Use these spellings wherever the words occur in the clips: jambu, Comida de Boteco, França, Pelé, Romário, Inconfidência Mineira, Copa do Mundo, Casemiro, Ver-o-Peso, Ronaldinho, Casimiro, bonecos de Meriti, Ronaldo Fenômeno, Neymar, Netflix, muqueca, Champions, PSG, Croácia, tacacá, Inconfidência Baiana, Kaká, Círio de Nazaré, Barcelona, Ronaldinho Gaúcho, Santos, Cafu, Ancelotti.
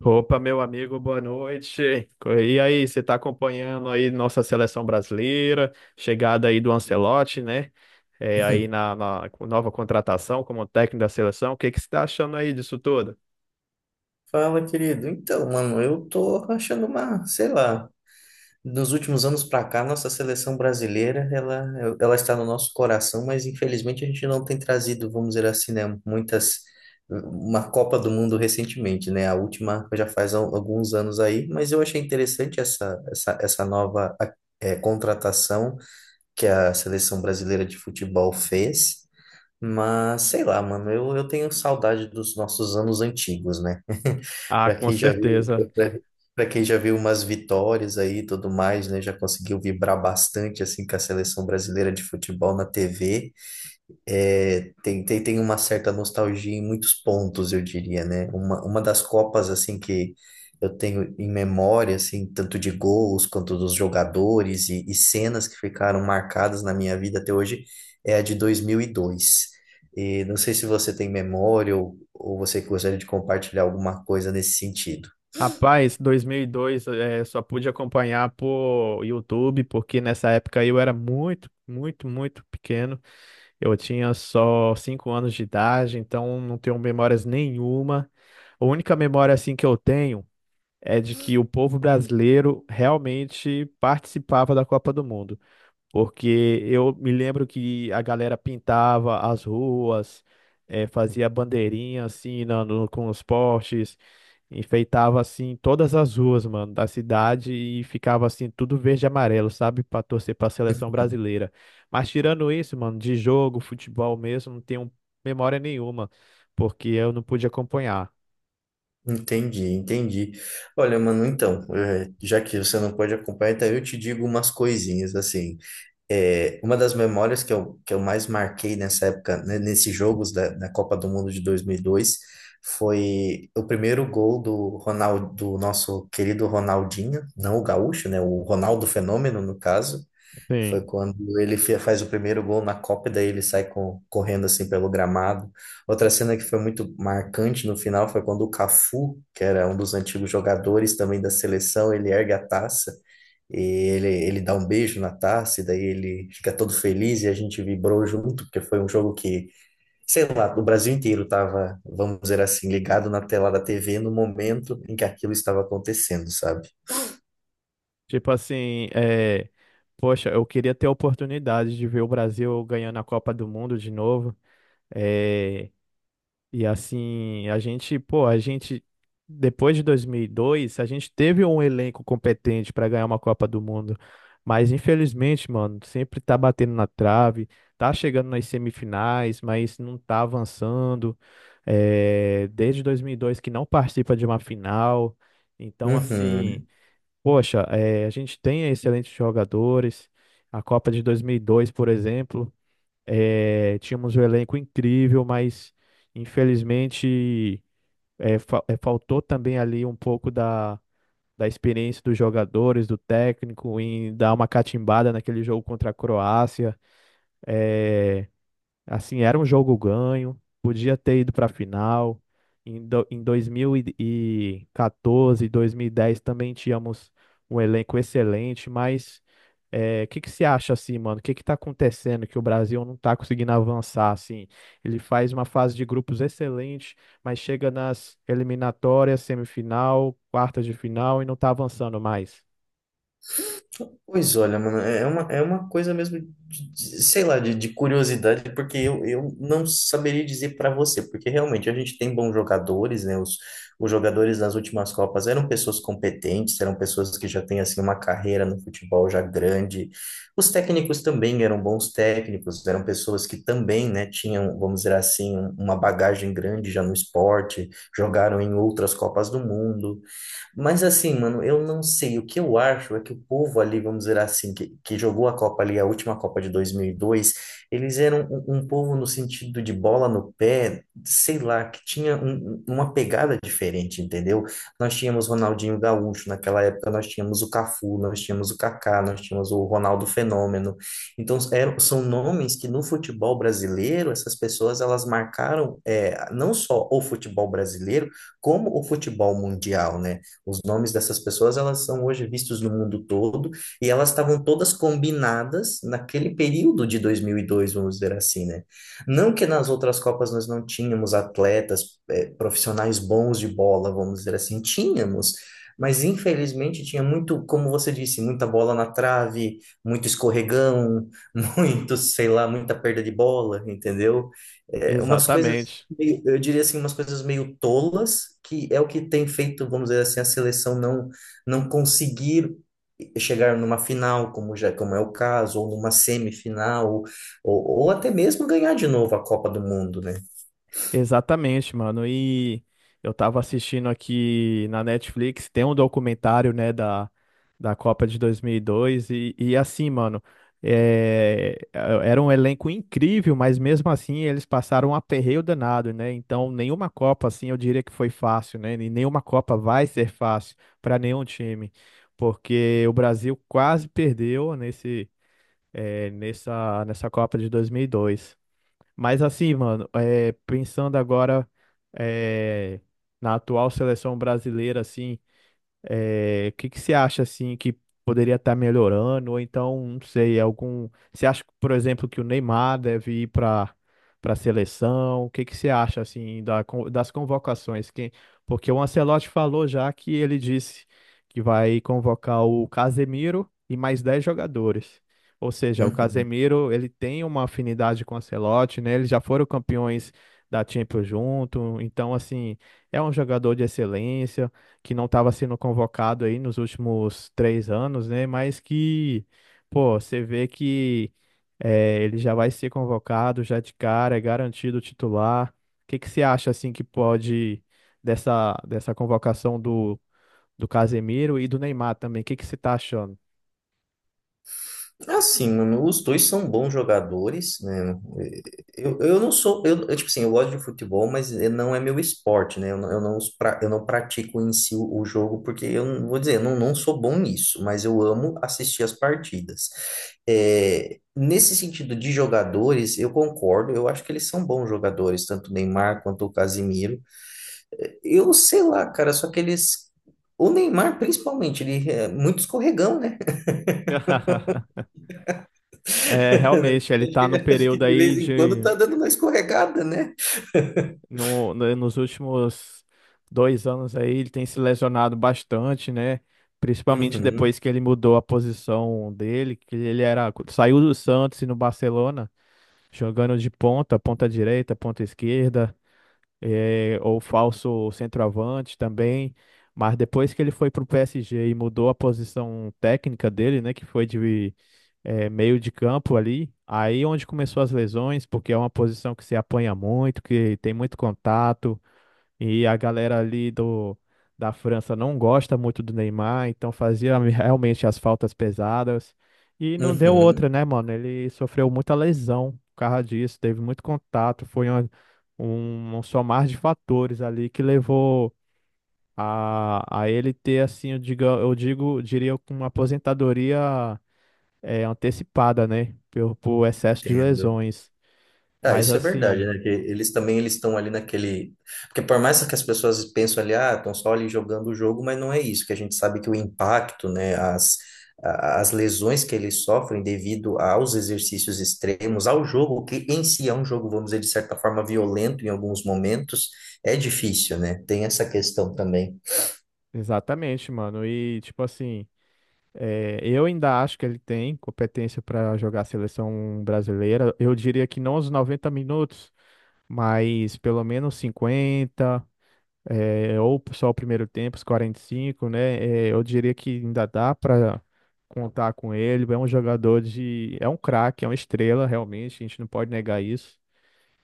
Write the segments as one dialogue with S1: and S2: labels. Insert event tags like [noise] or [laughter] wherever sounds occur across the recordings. S1: Opa, meu amigo, boa noite. E aí, você está acompanhando aí nossa seleção brasileira, chegada aí do Ancelotti, né? É,
S2: [laughs]
S1: aí
S2: Hum.
S1: na nova contratação como técnico da seleção, o que que você está achando aí disso tudo?
S2: Fala, querido. Então, mano, eu tô achando uma, sei lá, nos últimos anos pra cá, nossa seleção brasileira, ela está no nosso coração, mas infelizmente a gente não tem trazido, vamos dizer assim, né, muitas, uma Copa do Mundo recentemente, né? A última já faz alguns anos aí, mas eu achei interessante essa nova, contratação que a seleção brasileira de futebol fez. Mas sei lá, mano, eu tenho saudade dos nossos anos antigos, né? [laughs]
S1: Ah,
S2: Para
S1: com
S2: quem já viu,
S1: certeza.
S2: para quem já viu umas vitórias aí e tudo mais, né? Já conseguiu vibrar bastante assim com a seleção brasileira de futebol na TV. É, tem uma certa nostalgia em muitos pontos, eu diria, né? Uma das Copas, assim, que eu tenho em memória, assim, tanto de gols quanto dos jogadores e cenas que ficaram marcadas na minha vida até hoje, é a de 2002. E dois. E não sei se você tem memória ou você gostaria de compartilhar alguma coisa nesse sentido.
S1: Rapaz, 2002, é, só pude acompanhar por YouTube, porque nessa época aí eu era muito, muito, muito pequeno. Eu tinha só 5 anos de idade, então não tenho memórias nenhuma. A única memória assim que eu tenho é de que o povo brasileiro realmente participava da Copa do Mundo, porque eu me lembro que a galera pintava as ruas, fazia bandeirinha assim com os postes, enfeitava assim todas as ruas, mano, da cidade e ficava assim tudo verde e amarelo, sabe, para torcer para a seleção
S2: [laughs]
S1: brasileira. Mas tirando isso, mano, de jogo, futebol mesmo, não tenho memória nenhuma, porque eu não pude acompanhar.
S2: Entendi, entendi. Olha, mano, então, já que você não pode acompanhar, então eu te digo umas coisinhas, assim. É, uma das memórias que eu mais marquei nessa época, né, nesses jogos da Copa do Mundo de 2002, foi o primeiro gol do Ronaldo, do nosso querido Ronaldinho, não o gaúcho, né, o Ronaldo Fenômeno, no caso, foi
S1: Sim.
S2: quando ele faz o primeiro gol na Copa, e daí ele sai correndo assim pelo gramado. Outra cena que foi muito marcante no final foi quando o Cafu, que era um dos antigos jogadores também da seleção, ele ergue a taça e ele dá um beijo na taça, e daí ele fica todo feliz e a gente vibrou junto, porque foi um jogo que, sei lá, o Brasil inteiro estava, vamos dizer assim, ligado na tela da TV no momento em que aquilo estava acontecendo, sabe?
S1: Tipo assim, é, poxa, eu queria ter a oportunidade de ver o Brasil ganhando a Copa do Mundo de novo. É, e assim, a gente, pô, a gente, depois de 2002 a gente teve um elenco competente para ganhar uma Copa do Mundo. Mas infelizmente, mano, sempre tá batendo na trave, tá chegando nas semifinais, mas não tá avançando. É, desde 2002 que não participa de uma final. Então, assim.
S2: Uhum.
S1: Poxa, a gente tem excelentes jogadores. A Copa de 2002, por exemplo, tínhamos um elenco incrível, mas infelizmente faltou também ali um pouco da experiência dos jogadores, do técnico, em dar uma catimbada naquele jogo contra a Croácia. Eh, Assim, era um jogo ganho, podia ter ido para a final. Em 2014, dez também tínhamos um elenco excelente, mas é, o que que você acha assim, mano? O que que tá acontecendo que o Brasil não tá conseguindo avançar assim? Ele faz uma fase de grupos excelente, mas chega nas eliminatórias, semifinal, quartas de final e não tá avançando mais.
S2: Pois olha, mano, é uma coisa mesmo, sei lá, de curiosidade, porque eu não saberia dizer para você, porque realmente a gente tem bons jogadores, né? Os jogadores nas últimas Copas eram pessoas competentes, eram pessoas que já têm, assim, uma carreira no futebol já grande. Os técnicos também eram bons técnicos, eram pessoas que também, né, tinham, vamos dizer assim, uma bagagem grande já no esporte, jogaram em outras Copas do Mundo. Mas assim, mano, eu não sei. O que eu acho é que o povo ali, vamos dizer assim, que jogou a Copa ali, a última Copa de 2002, eles eram um povo no sentido de bola no pé, sei lá, que tinha uma pegada diferente, entendeu? Nós tínhamos Ronaldinho Gaúcho naquela época, nós tínhamos o Cafu, nós tínhamos o Kaká, nós tínhamos o Ronaldo Fenômeno. Então, eram, são nomes que no futebol brasileiro, essas pessoas, elas marcaram é, não só o futebol brasileiro, como o futebol mundial, né? Os nomes dessas pessoas, elas são hoje vistos no mundo todo e elas estavam todas combinadas naquele período de 2002, vamos dizer assim, né? Não que nas outras Copas nós não tínhamos atletas, profissionais bons de bola, vamos dizer assim, tínhamos, mas infelizmente tinha muito, como você disse, muita bola na trave, muito escorregão, [laughs] muito, sei lá, muita perda de bola, entendeu? É, umas coisas
S1: Exatamente.
S2: eu diria assim, umas coisas meio tolas, que é o que tem feito, vamos dizer assim, a seleção não, não conseguir chegar numa final, como já, como é o caso, ou numa semifinal, ou até mesmo ganhar de novo a Copa do Mundo, né?
S1: Exatamente, mano. E eu tava assistindo aqui na Netflix, tem um documentário, né, da Copa de 2002 e, dois, e assim, mano, é, era um elenco incrível, mas mesmo assim eles passaram um aperreio danado, né? Então, nenhuma Copa, assim, eu diria que foi fácil, né? E nenhuma Copa vai ser fácil para nenhum time, porque o Brasil quase perdeu nessa Copa de 2002. Mas assim, mano, é, pensando agora é, na atual seleção brasileira, assim. É, o que que você acha assim que poderia estar melhorando? Ou então, não sei, algum. Você acha, por exemplo, que o Neymar deve ir para a seleção? O que que você acha assim da das convocações? Porque o Ancelotti falou já que ele disse que vai convocar o Casemiro e mais 10 jogadores. Ou seja, o
S2: Uhum.
S1: Casemiro, ele tem uma afinidade com o Ancelotti, né? Eles já foram campeões da Champions junto, então assim, é um jogador de excelência que não estava sendo convocado aí nos últimos 3 anos, né? Mas que, pô, você vê que ele já vai ser convocado já de cara, é garantido titular. O que que você acha assim que pode dessa convocação do Casemiro e do Neymar também? O que que você tá achando?
S2: Assim, mano, os dois são bons jogadores, né? Eu não sou, eu, tipo assim, eu gosto de futebol, mas não é meu esporte, né? Eu não pratico em si o jogo, porque eu não vou dizer, eu não, não sou bom nisso, mas eu amo assistir as partidas. É, nesse sentido de jogadores, eu concordo, eu acho que eles são bons jogadores, tanto o Neymar quanto o Casimiro. Eu sei lá, cara, só que eles. O Neymar, principalmente, ele é muito escorregão, né?
S1: [laughs] É, realmente, ele
S2: Acho que
S1: tá no
S2: acho que
S1: período
S2: de
S1: aí
S2: vez em quando
S1: de
S2: tá dando uma escorregada, né?
S1: nos últimos 2 anos aí ele tem se lesionado bastante, né? Principalmente
S2: Uhum,
S1: depois que ele mudou a posição dele, que ele era, saiu do Santos e no Barcelona, jogando de ponta, ponta direita, ponta esquerda, ou falso centroavante também. Mas depois que ele foi para o PSG e mudou a posição técnica dele, né, que foi de meio de campo ali, aí onde começou as lesões, porque é uma posição que se apanha muito, que tem muito contato, e a galera ali da França não gosta muito do Neymar, então fazia [laughs] realmente as faltas pesadas. E não deu outra,
S2: uhum,
S1: né, mano? Ele sofreu muita lesão por causa disso, teve muito contato, foi um somar de fatores ali que levou a ele ter, assim, diria, com uma aposentadoria é, antecipada, né? Por excesso de
S2: entendo.
S1: lesões.
S2: Ah,
S1: Mas
S2: isso é verdade,
S1: assim,
S2: né? Que eles também eles estão ali naquele. Porque por mais que as pessoas pensam ali, ah, estão só ali jogando o jogo, mas não é isso, que a gente sabe que o impacto, né, as lesões que eles sofrem devido aos exercícios extremos, ao jogo, que em si é um jogo, vamos dizer, de certa forma, violento em alguns momentos, é difícil, né? Tem essa questão também.
S1: exatamente, mano. E tipo assim. É, eu ainda acho que ele tem competência para jogar a seleção brasileira. Eu diria que não os 90 minutos, mas pelo menos 50 é, ou só o primeiro tempo, os 45, né? É, eu diria que ainda dá para contar com ele. É um jogador de. É um craque, é uma estrela, realmente. A gente não pode negar isso.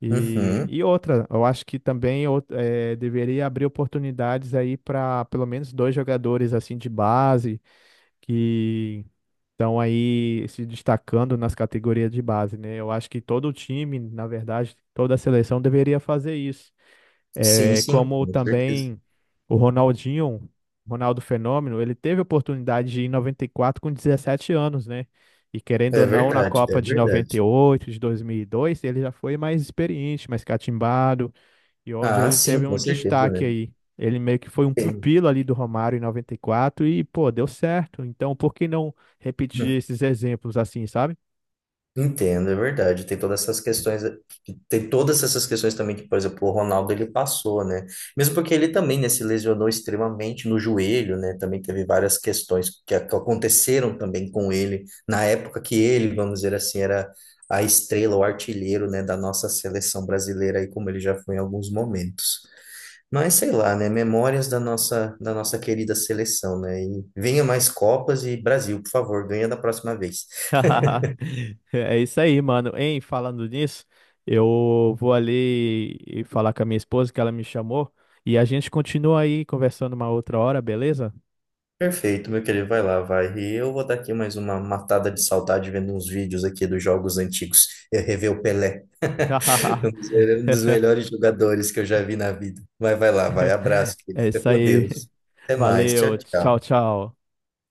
S1: E,
S2: Uhum.
S1: e outra, eu acho que também deveria abrir oportunidades aí para pelo menos dois jogadores assim de base que estão aí se destacando nas categorias de base, né? Eu acho que todo time, na verdade, toda seleção deveria fazer isso.
S2: Sim,
S1: É,
S2: sim,
S1: como
S2: com certeza.
S1: também o Ronaldinho, Ronaldo Fenômeno, ele teve a oportunidade de ir em 94 com 17 anos, né? E querendo
S2: É
S1: ou não, na
S2: verdade,
S1: Copa
S2: é
S1: de
S2: verdade.
S1: 98, de 2002, ele já foi mais experiente, mais catimbado, e onde
S2: Ah,
S1: ele
S2: sim,
S1: teve
S2: com
S1: um
S2: certeza,
S1: destaque
S2: né?
S1: aí. Ele meio que foi um
S2: Tem.
S1: pupilo ali do Romário em 94 e pô, deu certo. Então, por que não repetir
S2: Hum,
S1: esses exemplos assim, sabe?
S2: Entendo, é verdade. Tem todas essas questões, tem todas essas questões também que, por exemplo, o Ronaldo ele passou, né? Mesmo porque ele também, né, se lesionou extremamente no joelho, né? Também teve várias questões que aconteceram também com ele na época que ele, vamos dizer assim, era a estrela, o artilheiro, né, da nossa seleção brasileira aí como ele já foi em alguns momentos. Mas sei lá, né? Memórias da da nossa querida seleção, né? E venha mais Copas e Brasil, por favor, ganha da próxima vez.
S1: [laughs] É isso aí, mano. Hein, falando nisso, eu vou ali e falar com a minha esposa que ela me chamou e a gente continua aí conversando uma outra hora, beleza?
S2: Perfeito, meu querido, vai lá, vai. E eu vou dar aqui mais uma matada de saudade vendo uns vídeos aqui dos jogos antigos. Eu rever o Pelé, [laughs] um dos um dos
S1: [laughs]
S2: melhores jogadores que eu já vi na vida. Mas vai lá, vai. Abraço, querido.
S1: É
S2: Fica
S1: isso
S2: com
S1: aí.
S2: Deus. Até mais. Tchau,
S1: Valeu. Tchau,
S2: tchau.
S1: tchau.